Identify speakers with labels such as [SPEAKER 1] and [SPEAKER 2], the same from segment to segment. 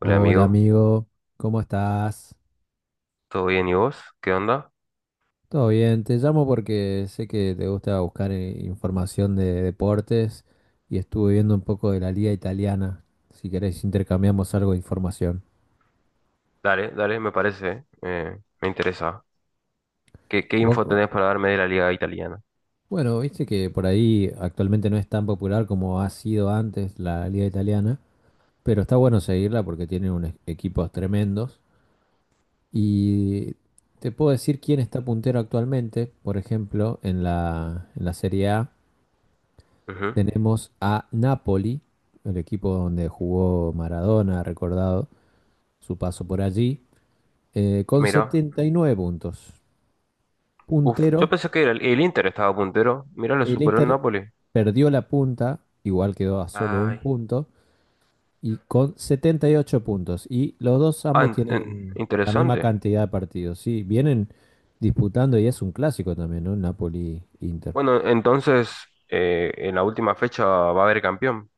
[SPEAKER 1] Hola
[SPEAKER 2] Hola
[SPEAKER 1] amigo,
[SPEAKER 2] amigo, ¿cómo estás?
[SPEAKER 1] ¿todo bien y vos? ¿Qué onda?
[SPEAKER 2] ¿Todo bien? Te llamo porque sé que te gusta buscar información de deportes y estuve viendo un poco de la liga italiana. Si querés intercambiamos algo de información.
[SPEAKER 1] Dale, dale, me parece, me interesa. ¿Qué info
[SPEAKER 2] Vos-
[SPEAKER 1] tenés para darme de la liga italiana?
[SPEAKER 2] bueno, viste que por ahí actualmente no es tan popular como ha sido antes la liga italiana, pero está bueno seguirla porque tiene unos equipos tremendos. Y te puedo decir quién está puntero actualmente, por ejemplo, en la Serie A.
[SPEAKER 1] Ujú.
[SPEAKER 2] Tenemos a Napoli, el equipo donde jugó Maradona, recordado su paso por allí, con
[SPEAKER 1] Mira,
[SPEAKER 2] 79 puntos.
[SPEAKER 1] uf,
[SPEAKER 2] Puntero,
[SPEAKER 1] yo pensé que el Inter estaba puntero, mira, lo
[SPEAKER 2] el
[SPEAKER 1] superó el
[SPEAKER 2] Inter
[SPEAKER 1] Napoli.
[SPEAKER 2] perdió la punta, igual quedó a solo un
[SPEAKER 1] Ay.
[SPEAKER 2] punto, y con 78 puntos. Y los dos
[SPEAKER 1] Ah,
[SPEAKER 2] ambos tienen la misma
[SPEAKER 1] interesante.
[SPEAKER 2] cantidad de partidos, ¿sí? Vienen disputando y es un clásico también, ¿no? Napoli-Inter.
[SPEAKER 1] Bueno, entonces, en la última fecha va a haber campeón.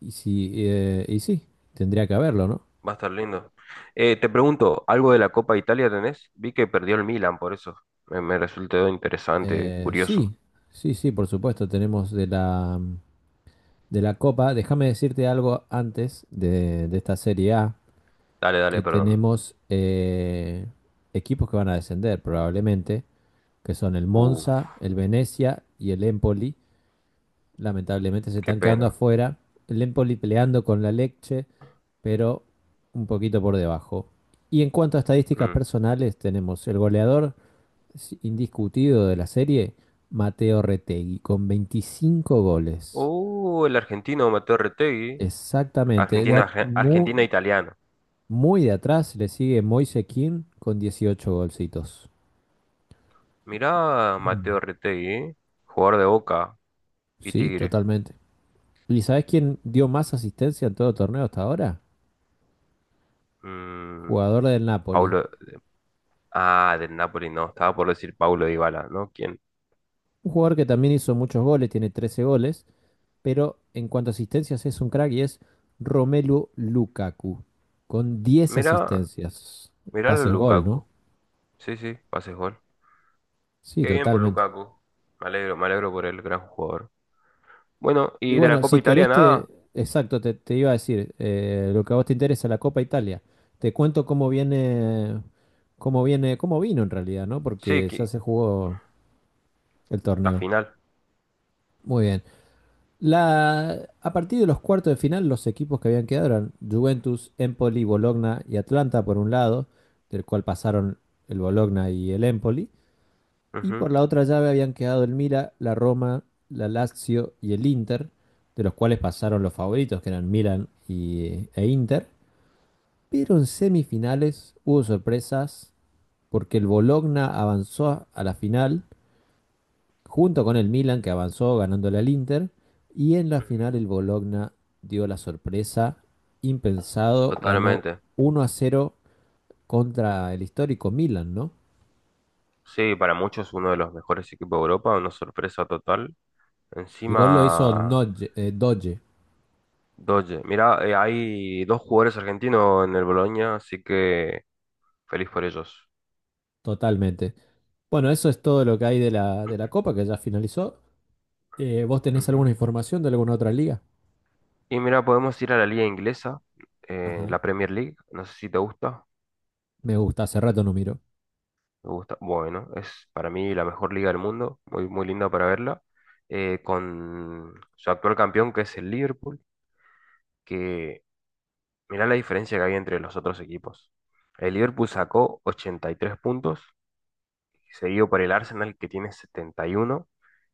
[SPEAKER 2] Y, sí, eh, y sí, Tendría que haberlo, ¿no?
[SPEAKER 1] Va a estar lindo. Te pregunto, ¿algo de la Copa Italia tenés? Vi que perdió el Milan, por eso. Me resultó interesante, curioso.
[SPEAKER 2] Sí, sí, sí, por supuesto. Tenemos de la Copa. Déjame decirte algo antes de esta Serie A,
[SPEAKER 1] Dale,
[SPEAKER 2] que
[SPEAKER 1] dale, perdón.
[SPEAKER 2] tenemos equipos que van a descender probablemente, que son el
[SPEAKER 1] Uf,
[SPEAKER 2] Monza, el Venecia y el Empoli. Lamentablemente se
[SPEAKER 1] qué
[SPEAKER 2] están quedando
[SPEAKER 1] pena.
[SPEAKER 2] afuera. El Empoli peleando con la Lecce, pero un poquito por debajo. Y en cuanto a estadísticas
[SPEAKER 1] Mm.
[SPEAKER 2] personales, tenemos el goleador indiscutido de la serie, Mateo Retegui, con 25 goles.
[SPEAKER 1] El argentino Mateo Retegui.
[SPEAKER 2] Exactamente. De
[SPEAKER 1] Argentina,
[SPEAKER 2] at- mu-
[SPEAKER 1] Argentina italiano.
[SPEAKER 2] muy, De atrás le sigue Moise Kean con 18 golcitos.
[SPEAKER 1] Mirá, Mateo Retegui, ¿eh? Jugador de Boca y
[SPEAKER 2] Sí,
[SPEAKER 1] Tigre.
[SPEAKER 2] totalmente. ¿Y sabes quién dio más asistencia en todo torneo hasta ahora?
[SPEAKER 1] Mm,
[SPEAKER 2] Jugador del Napoli.
[SPEAKER 1] Paulo. Ah, del Napoli, no. Estaba por decir Paulo Dybala, ¿no? ¿Quién?
[SPEAKER 2] Un jugador que también hizo muchos goles, tiene 13 goles, pero en cuanto a asistencias es un crack y es Romelu Lukaku, con 10
[SPEAKER 1] Mirá,
[SPEAKER 2] asistencias.
[SPEAKER 1] mirá a
[SPEAKER 2] Pases gol, ¿no?
[SPEAKER 1] Lukaku. Sí, sí, pase gol.
[SPEAKER 2] Sí,
[SPEAKER 1] Qué bien por
[SPEAKER 2] totalmente.
[SPEAKER 1] Lukaku. Me alegro por el gran jugador. Bueno,
[SPEAKER 2] Y
[SPEAKER 1] y de la
[SPEAKER 2] bueno,
[SPEAKER 1] Copa
[SPEAKER 2] si
[SPEAKER 1] Italia
[SPEAKER 2] querés,
[SPEAKER 1] nada.
[SPEAKER 2] exacto, te iba a decir, lo que a vos te interesa, la Copa Italia. Te cuento cómo viene, cómo vino en realidad, ¿no?
[SPEAKER 1] Sí,
[SPEAKER 2] Porque ya se jugó el
[SPEAKER 1] la
[SPEAKER 2] torneo.
[SPEAKER 1] final.
[SPEAKER 2] Muy bien. A partir de los cuartos de final, los equipos que habían quedado eran Juventus, Empoli, Bologna y Atlanta por un lado, del cual pasaron el Bologna y el Empoli. Y
[SPEAKER 1] Ujú,
[SPEAKER 2] por la otra llave habían quedado el Mila, la Roma, la Lazio y el Inter, de los cuales pasaron los favoritos, que eran Milan e Inter. Pero en semifinales hubo sorpresas porque el Bologna avanzó a la final junto con el Milan, que avanzó ganándole al Inter. Y en la
[SPEAKER 1] ujú.
[SPEAKER 2] final el Bologna dio la sorpresa, impensado, ganó
[SPEAKER 1] Totalmente.
[SPEAKER 2] 1-0 contra el histórico Milan, ¿no?
[SPEAKER 1] Sí, para muchos uno de los mejores equipos de Europa, una sorpresa total.
[SPEAKER 2] El gol lo hizo
[SPEAKER 1] Encima,
[SPEAKER 2] Doge,
[SPEAKER 1] Doge. Mirá, hay dos jugadores argentinos en el Boloña, así que feliz por ellos.
[SPEAKER 2] totalmente. Bueno, eso es todo lo que hay de la Copa, que ya finalizó. ¿Vos tenés alguna
[SPEAKER 1] Ujú.
[SPEAKER 2] información de alguna otra liga?
[SPEAKER 1] Y mira, podemos ir a la liga inglesa,
[SPEAKER 2] Ajá.
[SPEAKER 1] la Premier League. No sé si te gusta.
[SPEAKER 2] Me gusta, hace rato no miro.
[SPEAKER 1] Me gusta. Bueno, es para mí la mejor liga del mundo, muy, muy linda para verla, con su actual campeón que es el Liverpool, que mirá la diferencia que hay entre los otros equipos. El Liverpool sacó 83 puntos, seguido por el Arsenal que tiene 71,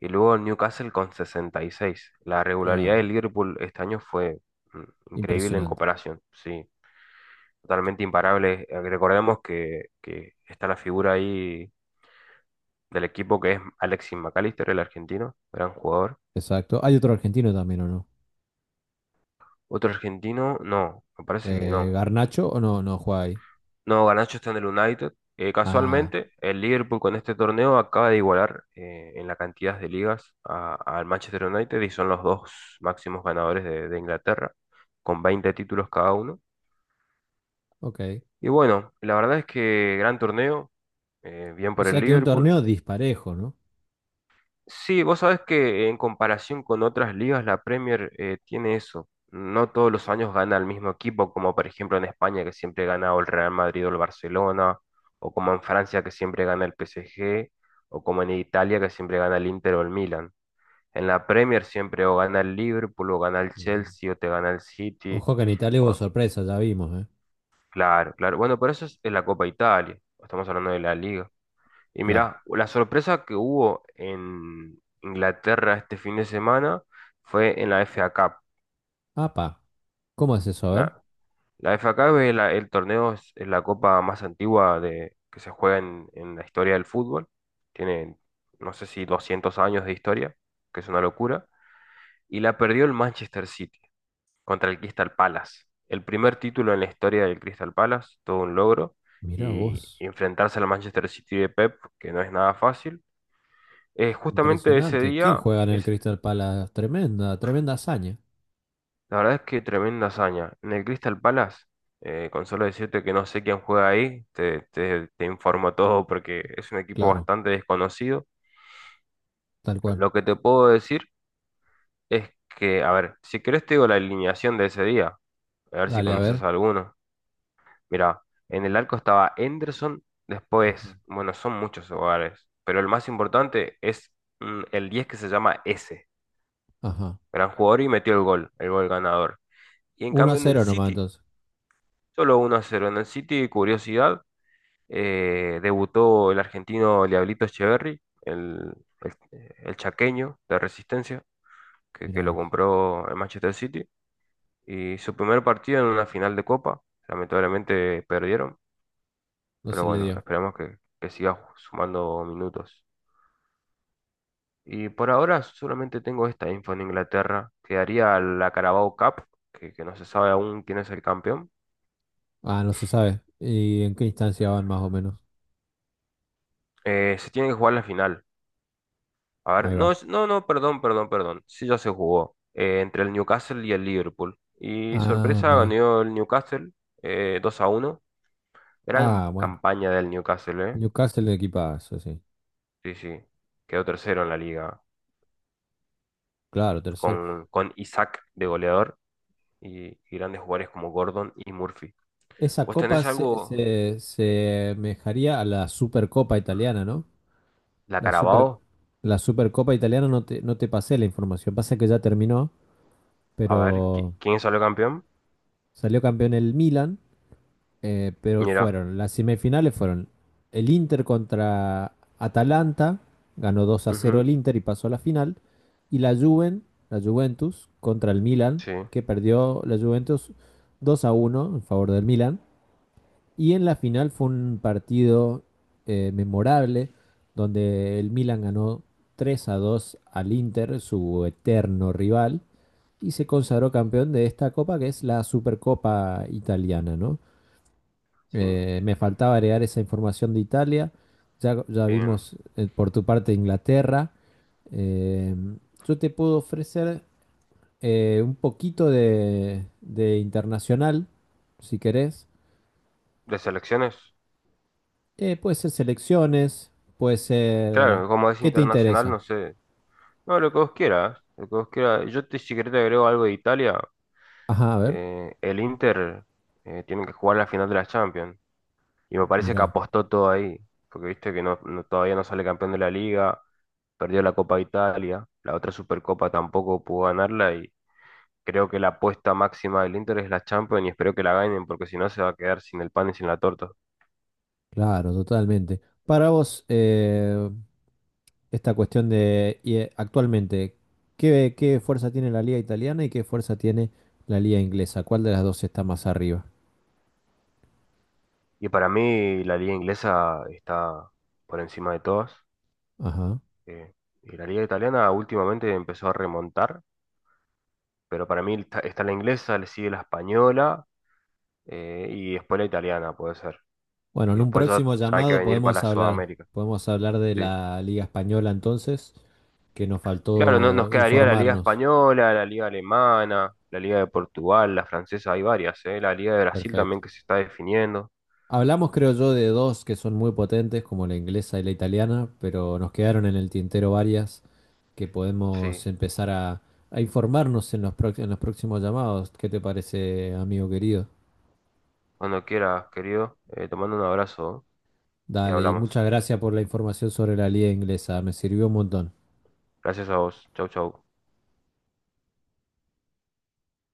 [SPEAKER 1] y luego el Newcastle con 66. La
[SPEAKER 2] Ah,
[SPEAKER 1] regularidad del Liverpool este año fue mm, increíble en
[SPEAKER 2] impresionante.
[SPEAKER 1] comparación, sí, totalmente imparable. Recordemos que está la figura ahí del equipo que es Alexis McAllister, el argentino, gran jugador.
[SPEAKER 2] Exacto. ¿Hay otro argentino también o no?
[SPEAKER 1] Otro argentino, no, me parece que
[SPEAKER 2] Eh,
[SPEAKER 1] no.
[SPEAKER 2] ¿Garnacho o no? No juega ahí.
[SPEAKER 1] No, Garnacho está en el United. Eh,
[SPEAKER 2] Ah,
[SPEAKER 1] casualmente, el Liverpool con este torneo acaba de igualar en la cantidad de ligas al Manchester United y son los dos máximos ganadores de Inglaterra, con 20 títulos cada uno.
[SPEAKER 2] ok.
[SPEAKER 1] Y bueno, la verdad es que gran torneo, bien
[SPEAKER 2] O
[SPEAKER 1] por el
[SPEAKER 2] sea que un
[SPEAKER 1] Liverpool.
[SPEAKER 2] torneo disparejo, ¿no?
[SPEAKER 1] Sí, vos sabés que en comparación con otras ligas, la Premier tiene eso. No todos los años gana el mismo equipo, como por ejemplo en España, que siempre gana o el Real Madrid o el Barcelona, o como en Francia, que siempre gana el PSG, o como en Italia, que siempre gana el Inter o el Milan. En la Premier siempre o gana el Liverpool, o gana el
[SPEAKER 2] Ujú.
[SPEAKER 1] Chelsea, o te gana el City.
[SPEAKER 2] Ojo que en Italia hubo
[SPEAKER 1] o-
[SPEAKER 2] sorpresa, ya vimos, ¿eh?
[SPEAKER 1] Claro, claro. Bueno, pero eso es en la Copa Italia. Estamos hablando de la Liga. Y
[SPEAKER 2] Claro.
[SPEAKER 1] mirá, la sorpresa que hubo en Inglaterra este fin de semana fue en la FA Cup.
[SPEAKER 2] Apa, ¿cómo es eso? A ver.
[SPEAKER 1] La, la FA Cup es, la- el torneo, es la copa más antigua que se juega en la historia del fútbol. Tiene, no sé si 200 años de historia, que es una locura. Y la perdió el Manchester City contra el Crystal Palace. El primer título en la historia del Crystal Palace, todo un logro.
[SPEAKER 2] Mirá
[SPEAKER 1] Y
[SPEAKER 2] vos.
[SPEAKER 1] enfrentarse al Manchester City de Pep, que no es nada fácil. Justamente ese
[SPEAKER 2] Impresionante. ¿Quién
[SPEAKER 1] día,
[SPEAKER 2] juega en el Crystal Palace? Tremenda, tremenda hazaña.
[SPEAKER 1] la verdad es que tremenda hazaña. En el Crystal Palace, con solo decirte que no sé quién juega ahí, te informo todo porque es un equipo
[SPEAKER 2] Claro,
[SPEAKER 1] bastante desconocido.
[SPEAKER 2] tal cual.
[SPEAKER 1] Lo que te puedo decir es que, a ver, si querés te digo la alineación de ese día, a ver si
[SPEAKER 2] Dale, a
[SPEAKER 1] conoces
[SPEAKER 2] ver.
[SPEAKER 1] a alguno. Mira, en el arco estaba Henderson, después,
[SPEAKER 2] Ajá,
[SPEAKER 1] bueno, son muchos hogares, pero el más importante es el 10 que se llama S,
[SPEAKER 2] ajá.
[SPEAKER 1] gran jugador y metió el gol ganador. Y en
[SPEAKER 2] Uno a
[SPEAKER 1] cambio en el
[SPEAKER 2] 0 nomás
[SPEAKER 1] City,
[SPEAKER 2] entonces.
[SPEAKER 1] solo 1-0 en el City, curiosidad, debutó el argentino Liablito Echeverri, el chaqueño de Resistencia, que
[SPEAKER 2] Mirá
[SPEAKER 1] lo
[SPEAKER 2] vos.
[SPEAKER 1] compró el Manchester City, y su primer partido en una final de Copa, lamentablemente perdieron,
[SPEAKER 2] No
[SPEAKER 1] pero
[SPEAKER 2] se le
[SPEAKER 1] bueno,
[SPEAKER 2] dio.
[SPEAKER 1] esperamos que siga sumando minutos. Y por ahora solamente tengo esta info en Inglaterra, quedaría la Carabao Cup, que no se sabe aún quién es el campeón.
[SPEAKER 2] Ah, no se sabe. ¿Y en qué instancia van más o menos?
[SPEAKER 1] Se tiene que jugar la final. A ver,
[SPEAKER 2] Ahí
[SPEAKER 1] no,
[SPEAKER 2] va.
[SPEAKER 1] no, no, perdón, perdón, perdón. Sí, ya se jugó entre el Newcastle y el Liverpool. Y
[SPEAKER 2] Ah,
[SPEAKER 1] sorpresa,
[SPEAKER 2] mirá.
[SPEAKER 1] ganó el Newcastle 2 a uno. Gran
[SPEAKER 2] Ah, bueno.
[SPEAKER 1] campaña del Newcastle, ¿eh?
[SPEAKER 2] Newcastle de equipazo, sí.
[SPEAKER 1] Sí, sí. Quedó tercero en la liga
[SPEAKER 2] Claro, tercero.
[SPEAKER 1] con Isaac de goleador y grandes jugadores como Gordon y Murphy.
[SPEAKER 2] Esa
[SPEAKER 1] ¿Vos
[SPEAKER 2] copa
[SPEAKER 1] tenés algo?
[SPEAKER 2] se asemejaría a la Supercopa italiana, ¿no?
[SPEAKER 1] La
[SPEAKER 2] La super,
[SPEAKER 1] Carabao.
[SPEAKER 2] la Supercopa italiana no te pasé la información. Pasa que ya terminó,
[SPEAKER 1] A ver,
[SPEAKER 2] pero
[SPEAKER 1] ¿quién salió campeón?
[SPEAKER 2] salió campeón el Milan. Pero
[SPEAKER 1] Mira.
[SPEAKER 2] fueron, las semifinales fueron el Inter contra Atalanta, ganó 2-0
[SPEAKER 1] Ujú.
[SPEAKER 2] el Inter y pasó a la final, y la Juven, la Juventus contra el Milan,
[SPEAKER 1] Sí,
[SPEAKER 2] que perdió la Juventus 2-1 en favor del Milan, y en la final fue un partido memorable donde el Milan ganó 3-2 al Inter, su eterno rival, y se consagró campeón de esta copa que es la Supercopa italiana, ¿no?
[SPEAKER 1] sí.
[SPEAKER 2] Me faltaba agregar esa información de Italia. Ya
[SPEAKER 1] Bien.
[SPEAKER 2] vimos por tu parte Inglaterra. Eh, yo te puedo ofrecer un poquito de internacional, si querés.
[SPEAKER 1] ¿De selecciones?
[SPEAKER 2] Puede ser selecciones, puede ser...
[SPEAKER 1] Claro, como es
[SPEAKER 2] ¿Qué te
[SPEAKER 1] internacional,
[SPEAKER 2] interesa?
[SPEAKER 1] no sé. No, lo que vos quieras, lo que vos quieras. Si querés te agrego algo de Italia.
[SPEAKER 2] Ajá, a ver,
[SPEAKER 1] El Inter tiene que jugar la final de la Champions. Y me parece que
[SPEAKER 2] mira.
[SPEAKER 1] apostó todo ahí. Porque viste que todavía no sale campeón de la Liga, perdió la Copa de Italia, la otra Supercopa tampoco pudo ganarla y creo que la apuesta máxima del Inter es la Champions y espero que la ganen porque si no se va a quedar sin el pan y sin la torta.
[SPEAKER 2] Claro, totalmente. Para vos, esta cuestión actualmente, ¿qué fuerza tiene la liga italiana y qué fuerza tiene la liga inglesa? ¿Cuál de las dos está más arriba?
[SPEAKER 1] Y para mí la liga inglesa está por encima de todas.
[SPEAKER 2] Ajá.
[SPEAKER 1] eh, y la liga italiana últimamente empezó a remontar pero para mí está, la inglesa, le sigue la española y después la italiana, puede ser.
[SPEAKER 2] Bueno,
[SPEAKER 1] Y
[SPEAKER 2] en un
[SPEAKER 1] después ya,
[SPEAKER 2] próximo
[SPEAKER 1] ya hay que
[SPEAKER 2] llamado
[SPEAKER 1] venir para Sudamérica.
[SPEAKER 2] podemos hablar de
[SPEAKER 1] Sí.
[SPEAKER 2] la liga española entonces, que nos
[SPEAKER 1] Claro, no, nos
[SPEAKER 2] faltó
[SPEAKER 1] quedaría la Liga
[SPEAKER 2] informarnos.
[SPEAKER 1] Española, la Liga Alemana, la Liga de Portugal, la francesa, hay varias, la Liga de Brasil
[SPEAKER 2] Perfecto.
[SPEAKER 1] también que se está definiendo.
[SPEAKER 2] Hablamos, creo yo, de dos que son muy potentes, como la inglesa y la italiana, pero nos quedaron en el tintero varias que
[SPEAKER 1] Sí,
[SPEAKER 2] podemos empezar a informarnos en en los próximos llamados. ¿Qué te parece, amigo querido?
[SPEAKER 1] cuando quieras, querido, te mando un abrazo, ¿eh? Y
[SPEAKER 2] Dale, y
[SPEAKER 1] hablamos.
[SPEAKER 2] muchas gracias por la información sobre la liga inglesa, me sirvió un montón.
[SPEAKER 1] Gracias a vos. Chau, chau.